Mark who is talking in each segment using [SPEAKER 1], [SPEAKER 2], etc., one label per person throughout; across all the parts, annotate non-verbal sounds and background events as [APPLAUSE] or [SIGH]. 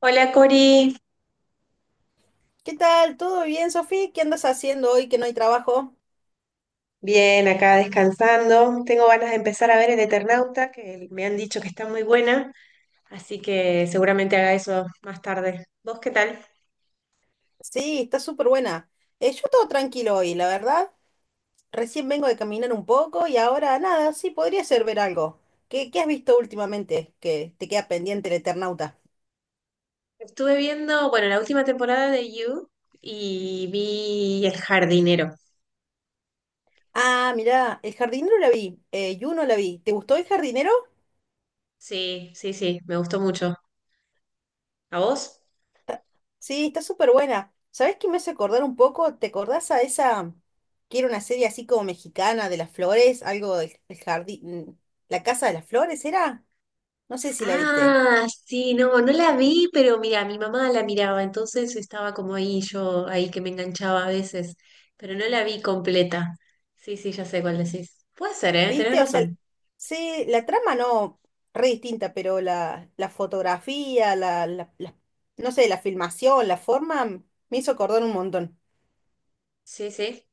[SPEAKER 1] Hola Cori,
[SPEAKER 2] ¿Qué tal? ¿Todo bien, Sofía? ¿Qué andas haciendo hoy que no hay trabajo?
[SPEAKER 1] bien acá descansando. Tengo ganas de empezar a ver El Eternauta, que me han dicho que está muy buena, así que seguramente haga eso más tarde. ¿Vos qué tal?
[SPEAKER 2] Sí, está súper buena. Yo todo tranquilo hoy, la verdad. Recién vengo de caminar un poco y ahora nada, sí, podría ser ver algo. ¿Qué has visto últimamente que te queda pendiente el Eternauta?
[SPEAKER 1] Estuve viendo, bueno, la última temporada de You y vi El Jardinero.
[SPEAKER 2] Ah, mirá, El Jardinero la vi, Juno la vi. ¿Te gustó El Jardinero?
[SPEAKER 1] Sí, sí, sí, me gustó mucho. ¿A vos?
[SPEAKER 2] Sí, está súper buena. ¿Sabés qué me hace acordar un poco? ¿Te acordás a esa que era una serie así como mexicana de las flores? Algo del jardín. ¿La Casa de las Flores era? No sé si la viste.
[SPEAKER 1] Ah, sí, no, no la vi, pero mira, mi mamá la miraba, entonces estaba como ahí, yo ahí que me enganchaba a veces, pero no la vi completa. Sí, sí, ya sé cuál decís. Puede ser, ¿eh? Tenés
[SPEAKER 2] ¿Viste? O sea,
[SPEAKER 1] razón.
[SPEAKER 2] sí, la trama no, re distinta, pero la, la fotografía, no sé, la filmación, la forma, me hizo acordar un montón.
[SPEAKER 1] Sí, sí.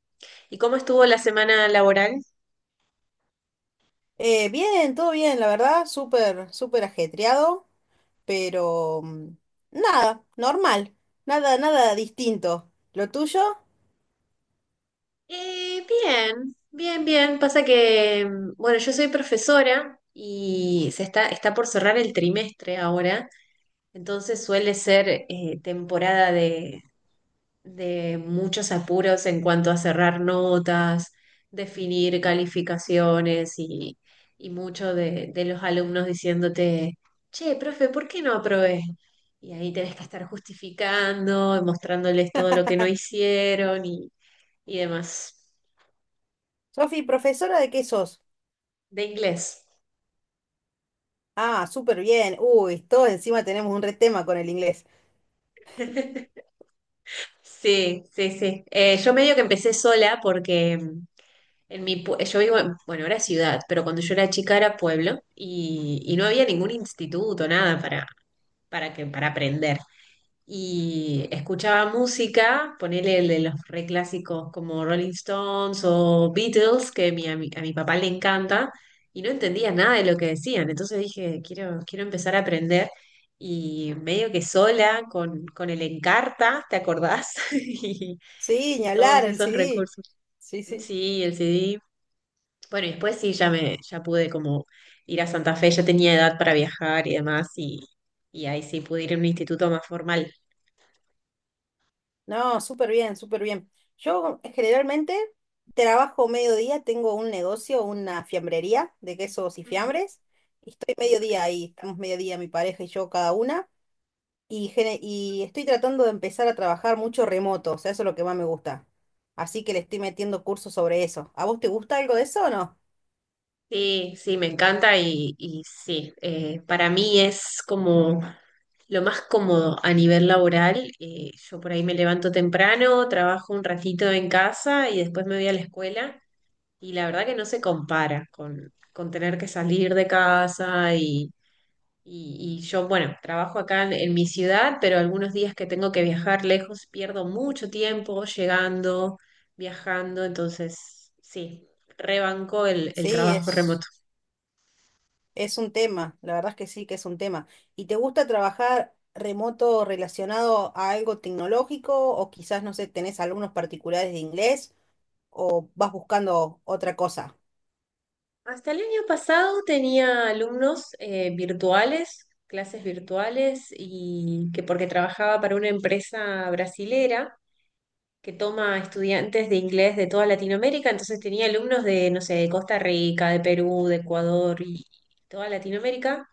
[SPEAKER 1] ¿Y cómo estuvo la semana laboral?
[SPEAKER 2] Bien, todo bien, la verdad, súper, súper ajetreado, pero nada, normal, nada, nada distinto. ¿Lo tuyo?
[SPEAKER 1] Bien, bien, bien. Pasa que, bueno, yo soy profesora y está por cerrar el trimestre ahora, entonces suele ser temporada de muchos apuros en cuanto a cerrar notas, definir calificaciones y mucho de los alumnos diciéndote, che, profe, ¿por qué no aprobé? Y ahí tenés que estar justificando, y mostrándoles todo lo que no hicieron y demás.
[SPEAKER 2] Sofi, ¿profesora de qué sos?
[SPEAKER 1] De inglés.
[SPEAKER 2] Ah, súper bien. Uy, todos encima tenemos un re tema con el inglés.
[SPEAKER 1] [LAUGHS] Sí, sí, sí. Yo medio que empecé sola porque yo vivo en, bueno, era ciudad, pero cuando yo era chica era pueblo y no había ningún instituto, nada para aprender. Y escuchaba música, ponele el de los reclásicos como Rolling Stones o Beatles, que mi- a mi, a mi papá le encanta, y no entendía nada de lo que decían. Entonces dije, quiero empezar a aprender y medio que sola con el Encarta, ¿te acordás? [LAUGHS] Y,
[SPEAKER 2] Sí, ni
[SPEAKER 1] y todos
[SPEAKER 2] hablar, el
[SPEAKER 1] esos
[SPEAKER 2] CD.
[SPEAKER 1] recursos.
[SPEAKER 2] Sí, sí.
[SPEAKER 1] Sí, el CD. Bueno, y después sí, ya pude como ir a Santa Fe, ya tenía edad para viajar y demás, y ahí sí pude ir a un instituto más formal.
[SPEAKER 2] No, súper bien, súper bien. Yo generalmente trabajo mediodía, tengo un negocio, una fiambrería de quesos y fiambres, y estoy
[SPEAKER 1] Ujú.
[SPEAKER 2] mediodía ahí, estamos mediodía mi pareja y yo cada una, y estoy tratando de empezar a trabajar mucho remoto, o sea, eso es lo que más me gusta. Así que le estoy metiendo cursos sobre eso. ¿A vos te gusta algo de eso o no?
[SPEAKER 1] Sí, sí, me encanta y sí, para mí es como lo más cómodo a nivel laboral. Yo por ahí me levanto temprano, trabajo un ratito en casa y después me voy a la escuela y la verdad que no se compara con tener que salir de casa y yo, bueno, trabajo acá en mi ciudad, pero algunos días que tengo que viajar lejos pierdo mucho tiempo llegando, viajando, entonces sí, rebanco el
[SPEAKER 2] Sí,
[SPEAKER 1] trabajo
[SPEAKER 2] es...
[SPEAKER 1] remoto.
[SPEAKER 2] Es un tema, la verdad es que sí, que es un tema. ¿Y te gusta trabajar remoto relacionado a algo tecnológico o quizás, no sé, tenés alumnos particulares de inglés o vas buscando otra cosa?
[SPEAKER 1] Hasta el año pasado tenía alumnos virtuales, clases virtuales, y que porque trabajaba para una empresa brasilera que toma estudiantes de inglés de toda Latinoamérica, entonces tenía alumnos de, no sé, de Costa Rica, de Perú, de Ecuador y toda Latinoamérica.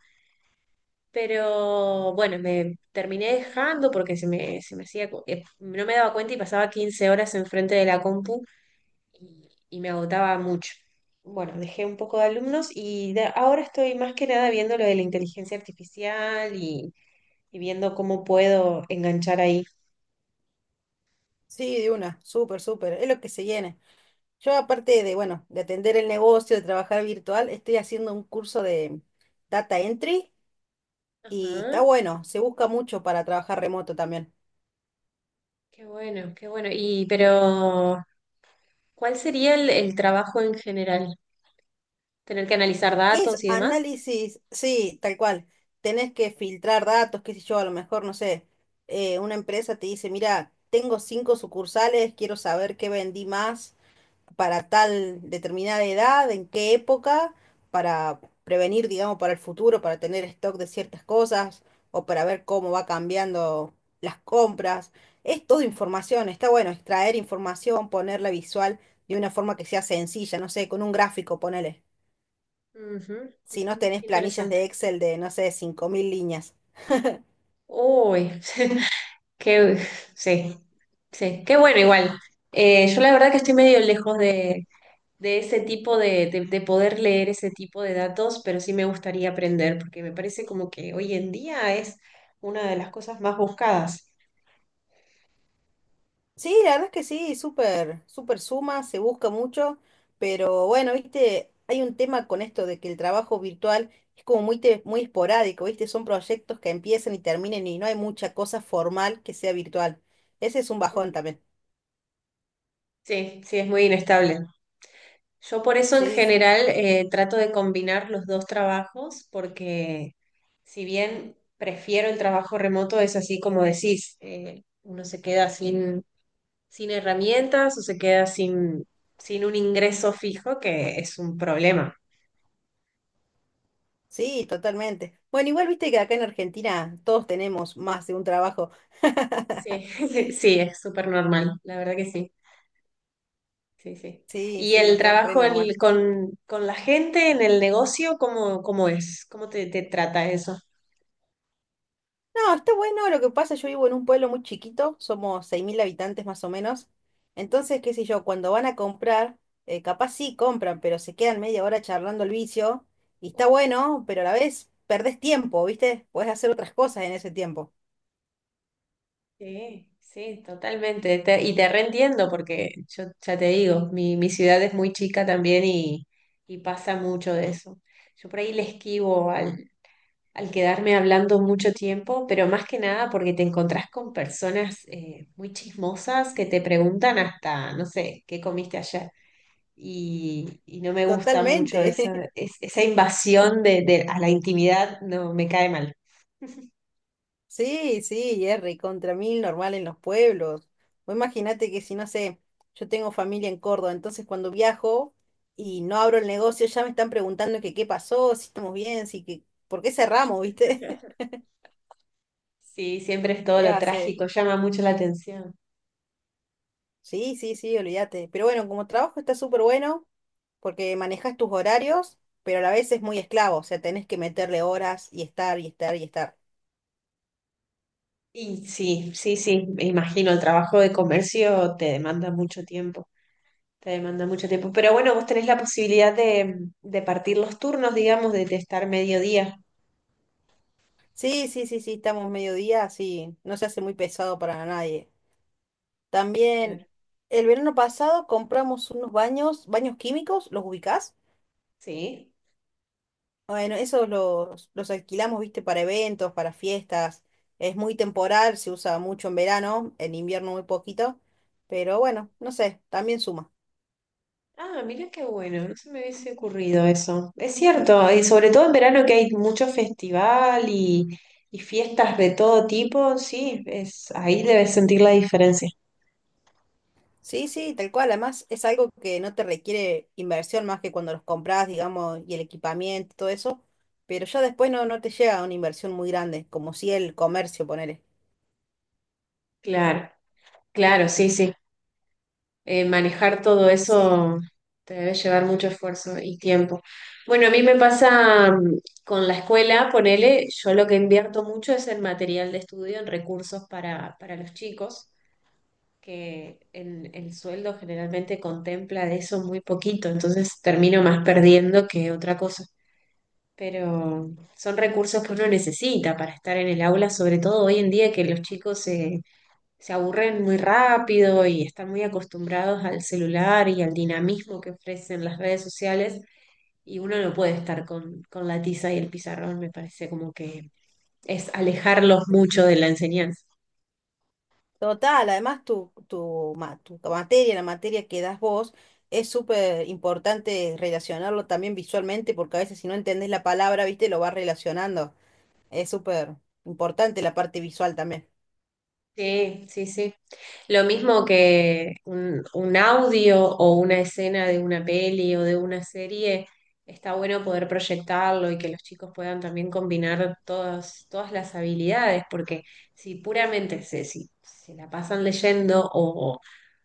[SPEAKER 1] Pero bueno, me terminé dejando porque se me hacía, no me daba cuenta y pasaba 15 horas enfrente de la compu y me agotaba mucho. Bueno, dejé un poco de alumnos ahora estoy más que nada viendo lo de la inteligencia artificial y viendo cómo puedo enganchar ahí.
[SPEAKER 2] Sí, de una, súper, súper, es lo que se llene. Yo aparte de, bueno, de atender el negocio, de trabajar virtual, estoy haciendo un curso de data entry y está
[SPEAKER 1] Ajá,
[SPEAKER 2] bueno, se busca mucho para trabajar remoto también.
[SPEAKER 1] qué bueno, qué bueno. Y pero, ¿cuál sería el trabajo en general? ¿Tener que analizar datos
[SPEAKER 2] Es
[SPEAKER 1] y demás?
[SPEAKER 2] análisis, sí, tal cual. Tenés que filtrar datos, qué sé yo, a lo mejor, no sé, una empresa te dice, mira, tengo cinco sucursales, quiero saber qué vendí más para tal determinada edad, en qué época, para prevenir, digamos, para el futuro, para tener stock de ciertas cosas o para ver cómo va cambiando las compras. Es todo información, está bueno extraer información, ponerla visual de una forma que sea sencilla, no sé, con un gráfico, ponele
[SPEAKER 1] Ujú,
[SPEAKER 2] si
[SPEAKER 1] ujú,
[SPEAKER 2] no tenés planillas
[SPEAKER 1] interesante.
[SPEAKER 2] de Excel de, no sé, 5.000 líneas.
[SPEAKER 1] Uy, [LAUGHS] qué, sí, sí, qué bueno igual. Yo la verdad que estoy medio lejos de ese tipo de poder leer ese tipo de datos, pero sí me gustaría aprender, porque me parece como que hoy en día es una de las cosas más buscadas.
[SPEAKER 2] Sí, la verdad es que sí, súper, súper suma, se busca mucho, pero bueno, viste, hay un tema con esto de que el trabajo virtual es como muy esporádico, viste, son proyectos que empiezan y terminan y no hay mucha cosa formal que sea virtual. Ese es un bajón
[SPEAKER 1] Ujú.
[SPEAKER 2] también.
[SPEAKER 1] Sí, sí, es muy inestable. Yo por eso en
[SPEAKER 2] Sí, sí,
[SPEAKER 1] general trato de combinar los dos trabajos, porque si bien prefiero el trabajo remoto, es así como decís, uno se queda sin herramientas o se queda sin un ingreso fijo, que es un problema.
[SPEAKER 2] sí, totalmente. Bueno, igual viste que acá en Argentina todos tenemos más de un trabajo.
[SPEAKER 1] Sí,
[SPEAKER 2] [LAUGHS]
[SPEAKER 1] [LAUGHS] sí, es súper normal, la verdad que sí, sí, sí.
[SPEAKER 2] Sí,
[SPEAKER 1] ¿Y
[SPEAKER 2] sí,
[SPEAKER 1] el
[SPEAKER 2] está re
[SPEAKER 1] trabajo
[SPEAKER 2] normal.
[SPEAKER 1] con la gente en el negocio, cómo es? ¿Cómo te trata eso?
[SPEAKER 2] No, está bueno. Lo que pasa, yo vivo en un pueblo muy chiquito, somos 6.000 habitantes más o menos. Entonces, qué sé yo, cuando van a comprar, capaz sí compran, pero se quedan media hora charlando el vicio. Y está
[SPEAKER 1] Uh,
[SPEAKER 2] bueno, pero a la vez perdés tiempo, ¿viste? Podés hacer otras cosas en ese tiempo.
[SPEAKER 1] Sí, sí, totalmente. Y te reentiendo porque yo ya te digo, mi ciudad es muy chica también y pasa mucho de eso. Yo por ahí le esquivo al quedarme hablando mucho tiempo, pero más que nada porque te encontrás con personas muy chismosas que te preguntan hasta, no sé, ¿qué comiste ayer? Y no me gusta mucho
[SPEAKER 2] Totalmente.
[SPEAKER 1] esa,
[SPEAKER 2] [LAUGHS]
[SPEAKER 1] es- esa invasión a la intimidad, no me cae mal.
[SPEAKER 2] Sí, sí, Jerry, contra mil normal en los pueblos. O imagínate que si no sé, yo tengo familia en Córdoba, entonces cuando viajo y no abro el negocio, ya me están preguntando que qué pasó, si estamos bien, si que, ¿por qué cerramos, viste?
[SPEAKER 1] [LAUGHS]
[SPEAKER 2] [LAUGHS]
[SPEAKER 1] Sí, siempre es todo
[SPEAKER 2] ¿Qué va
[SPEAKER 1] lo
[SPEAKER 2] a hacer?
[SPEAKER 1] trágico, llama mucho la atención.
[SPEAKER 2] Sí, sí, sí, olvídate. Pero bueno, como trabajo está súper bueno, porque manejas tus horarios, pero a la vez es muy esclavo, o sea, tenés que meterle horas y estar y estar y estar.
[SPEAKER 1] Y sí, sí, sí, me imagino, el trabajo de comercio te demanda mucho tiempo, te demanda mucho tiempo. Pero bueno, vos tenés la posibilidad de partir los turnos, digamos, de estar mediodía.
[SPEAKER 2] Sí, sí, sí, sí, estamos mediodía, sí, no se hace muy pesado para nadie.
[SPEAKER 1] Claro.
[SPEAKER 2] También el verano pasado compramos unos baños, baños químicos, ¿los ubicás?
[SPEAKER 1] Sí.
[SPEAKER 2] Bueno, esos los alquilamos, viste, para eventos, para fiestas. Es muy temporal, se usa mucho en verano, en invierno muy poquito, pero bueno, no sé, también suma.
[SPEAKER 1] Ah, mira qué bueno, no se me hubiese ocurrido eso. Es cierto, y sobre todo en verano que hay mucho festival y fiestas de todo tipo, sí, es, ahí debes sentir la diferencia.
[SPEAKER 2] Sí, sí, tal cual. Además, es algo que no te requiere inversión más que cuando los compras, digamos, y el equipamiento, todo eso. Pero ya después no, no te llega una inversión muy grande, como si el comercio, ponele.
[SPEAKER 1] Claro, claro, sí, sí. Manejar todo
[SPEAKER 2] Sí,
[SPEAKER 1] eso te debe llevar mucho esfuerzo y tiempo. Bueno, a mí me pasa con la escuela, ponele, yo lo que invierto mucho es en material de estudio, en recursos para los chicos, que el sueldo generalmente contempla de eso muy poquito, entonces termino más perdiendo que otra cosa. Pero son recursos que uno necesita para estar en el aula, sobre todo hoy en día que los chicos se aburren muy rápido y están muy acostumbrados al celular y al dinamismo que ofrecen las redes sociales y uno no puede estar con la tiza y el pizarrón, me parece como que es alejarlos mucho de la enseñanza.
[SPEAKER 2] total, además tu materia, la materia que das vos, es súper importante relacionarlo también visualmente, porque a veces si no entendés la palabra, viste, lo vas relacionando. Es súper importante la parte visual también.
[SPEAKER 1] Sí, sí, sí. Lo mismo que un audio o una escena de una peli o de una serie, está bueno poder proyectarlo y que los chicos puedan también combinar todas, todas las habilidades, porque si puramente se, si, se la pasan leyendo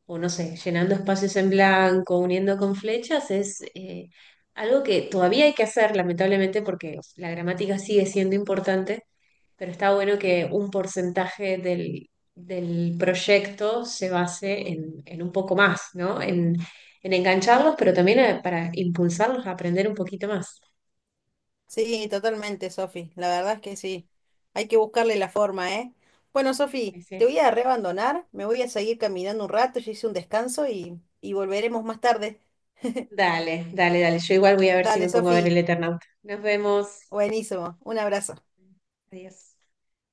[SPEAKER 1] o no sé, llenando espacios en blanco, uniendo con flechas, es algo que todavía hay que hacer, lamentablemente, porque la gramática sigue siendo importante pero está bueno que un porcentaje del proyecto se base en un poco más, ¿no? En engancharlos, pero también para impulsarlos a aprender un poquito más.
[SPEAKER 2] Sí, totalmente, Sofi. La verdad es que sí. Hay que buscarle la forma, ¿eh? Bueno,
[SPEAKER 1] Ahí
[SPEAKER 2] Sofi,
[SPEAKER 1] sí.
[SPEAKER 2] te voy a reabandonar, me voy a seguir caminando un rato, yo hice un descanso y volveremos más tarde.
[SPEAKER 1] Dale, dale, dale. Yo igual voy a ver si me
[SPEAKER 2] Dale,
[SPEAKER 1] pongo a ver el
[SPEAKER 2] Sofi,
[SPEAKER 1] Eternauta. Nos vemos.
[SPEAKER 2] buenísimo. Un abrazo.
[SPEAKER 1] Adiós.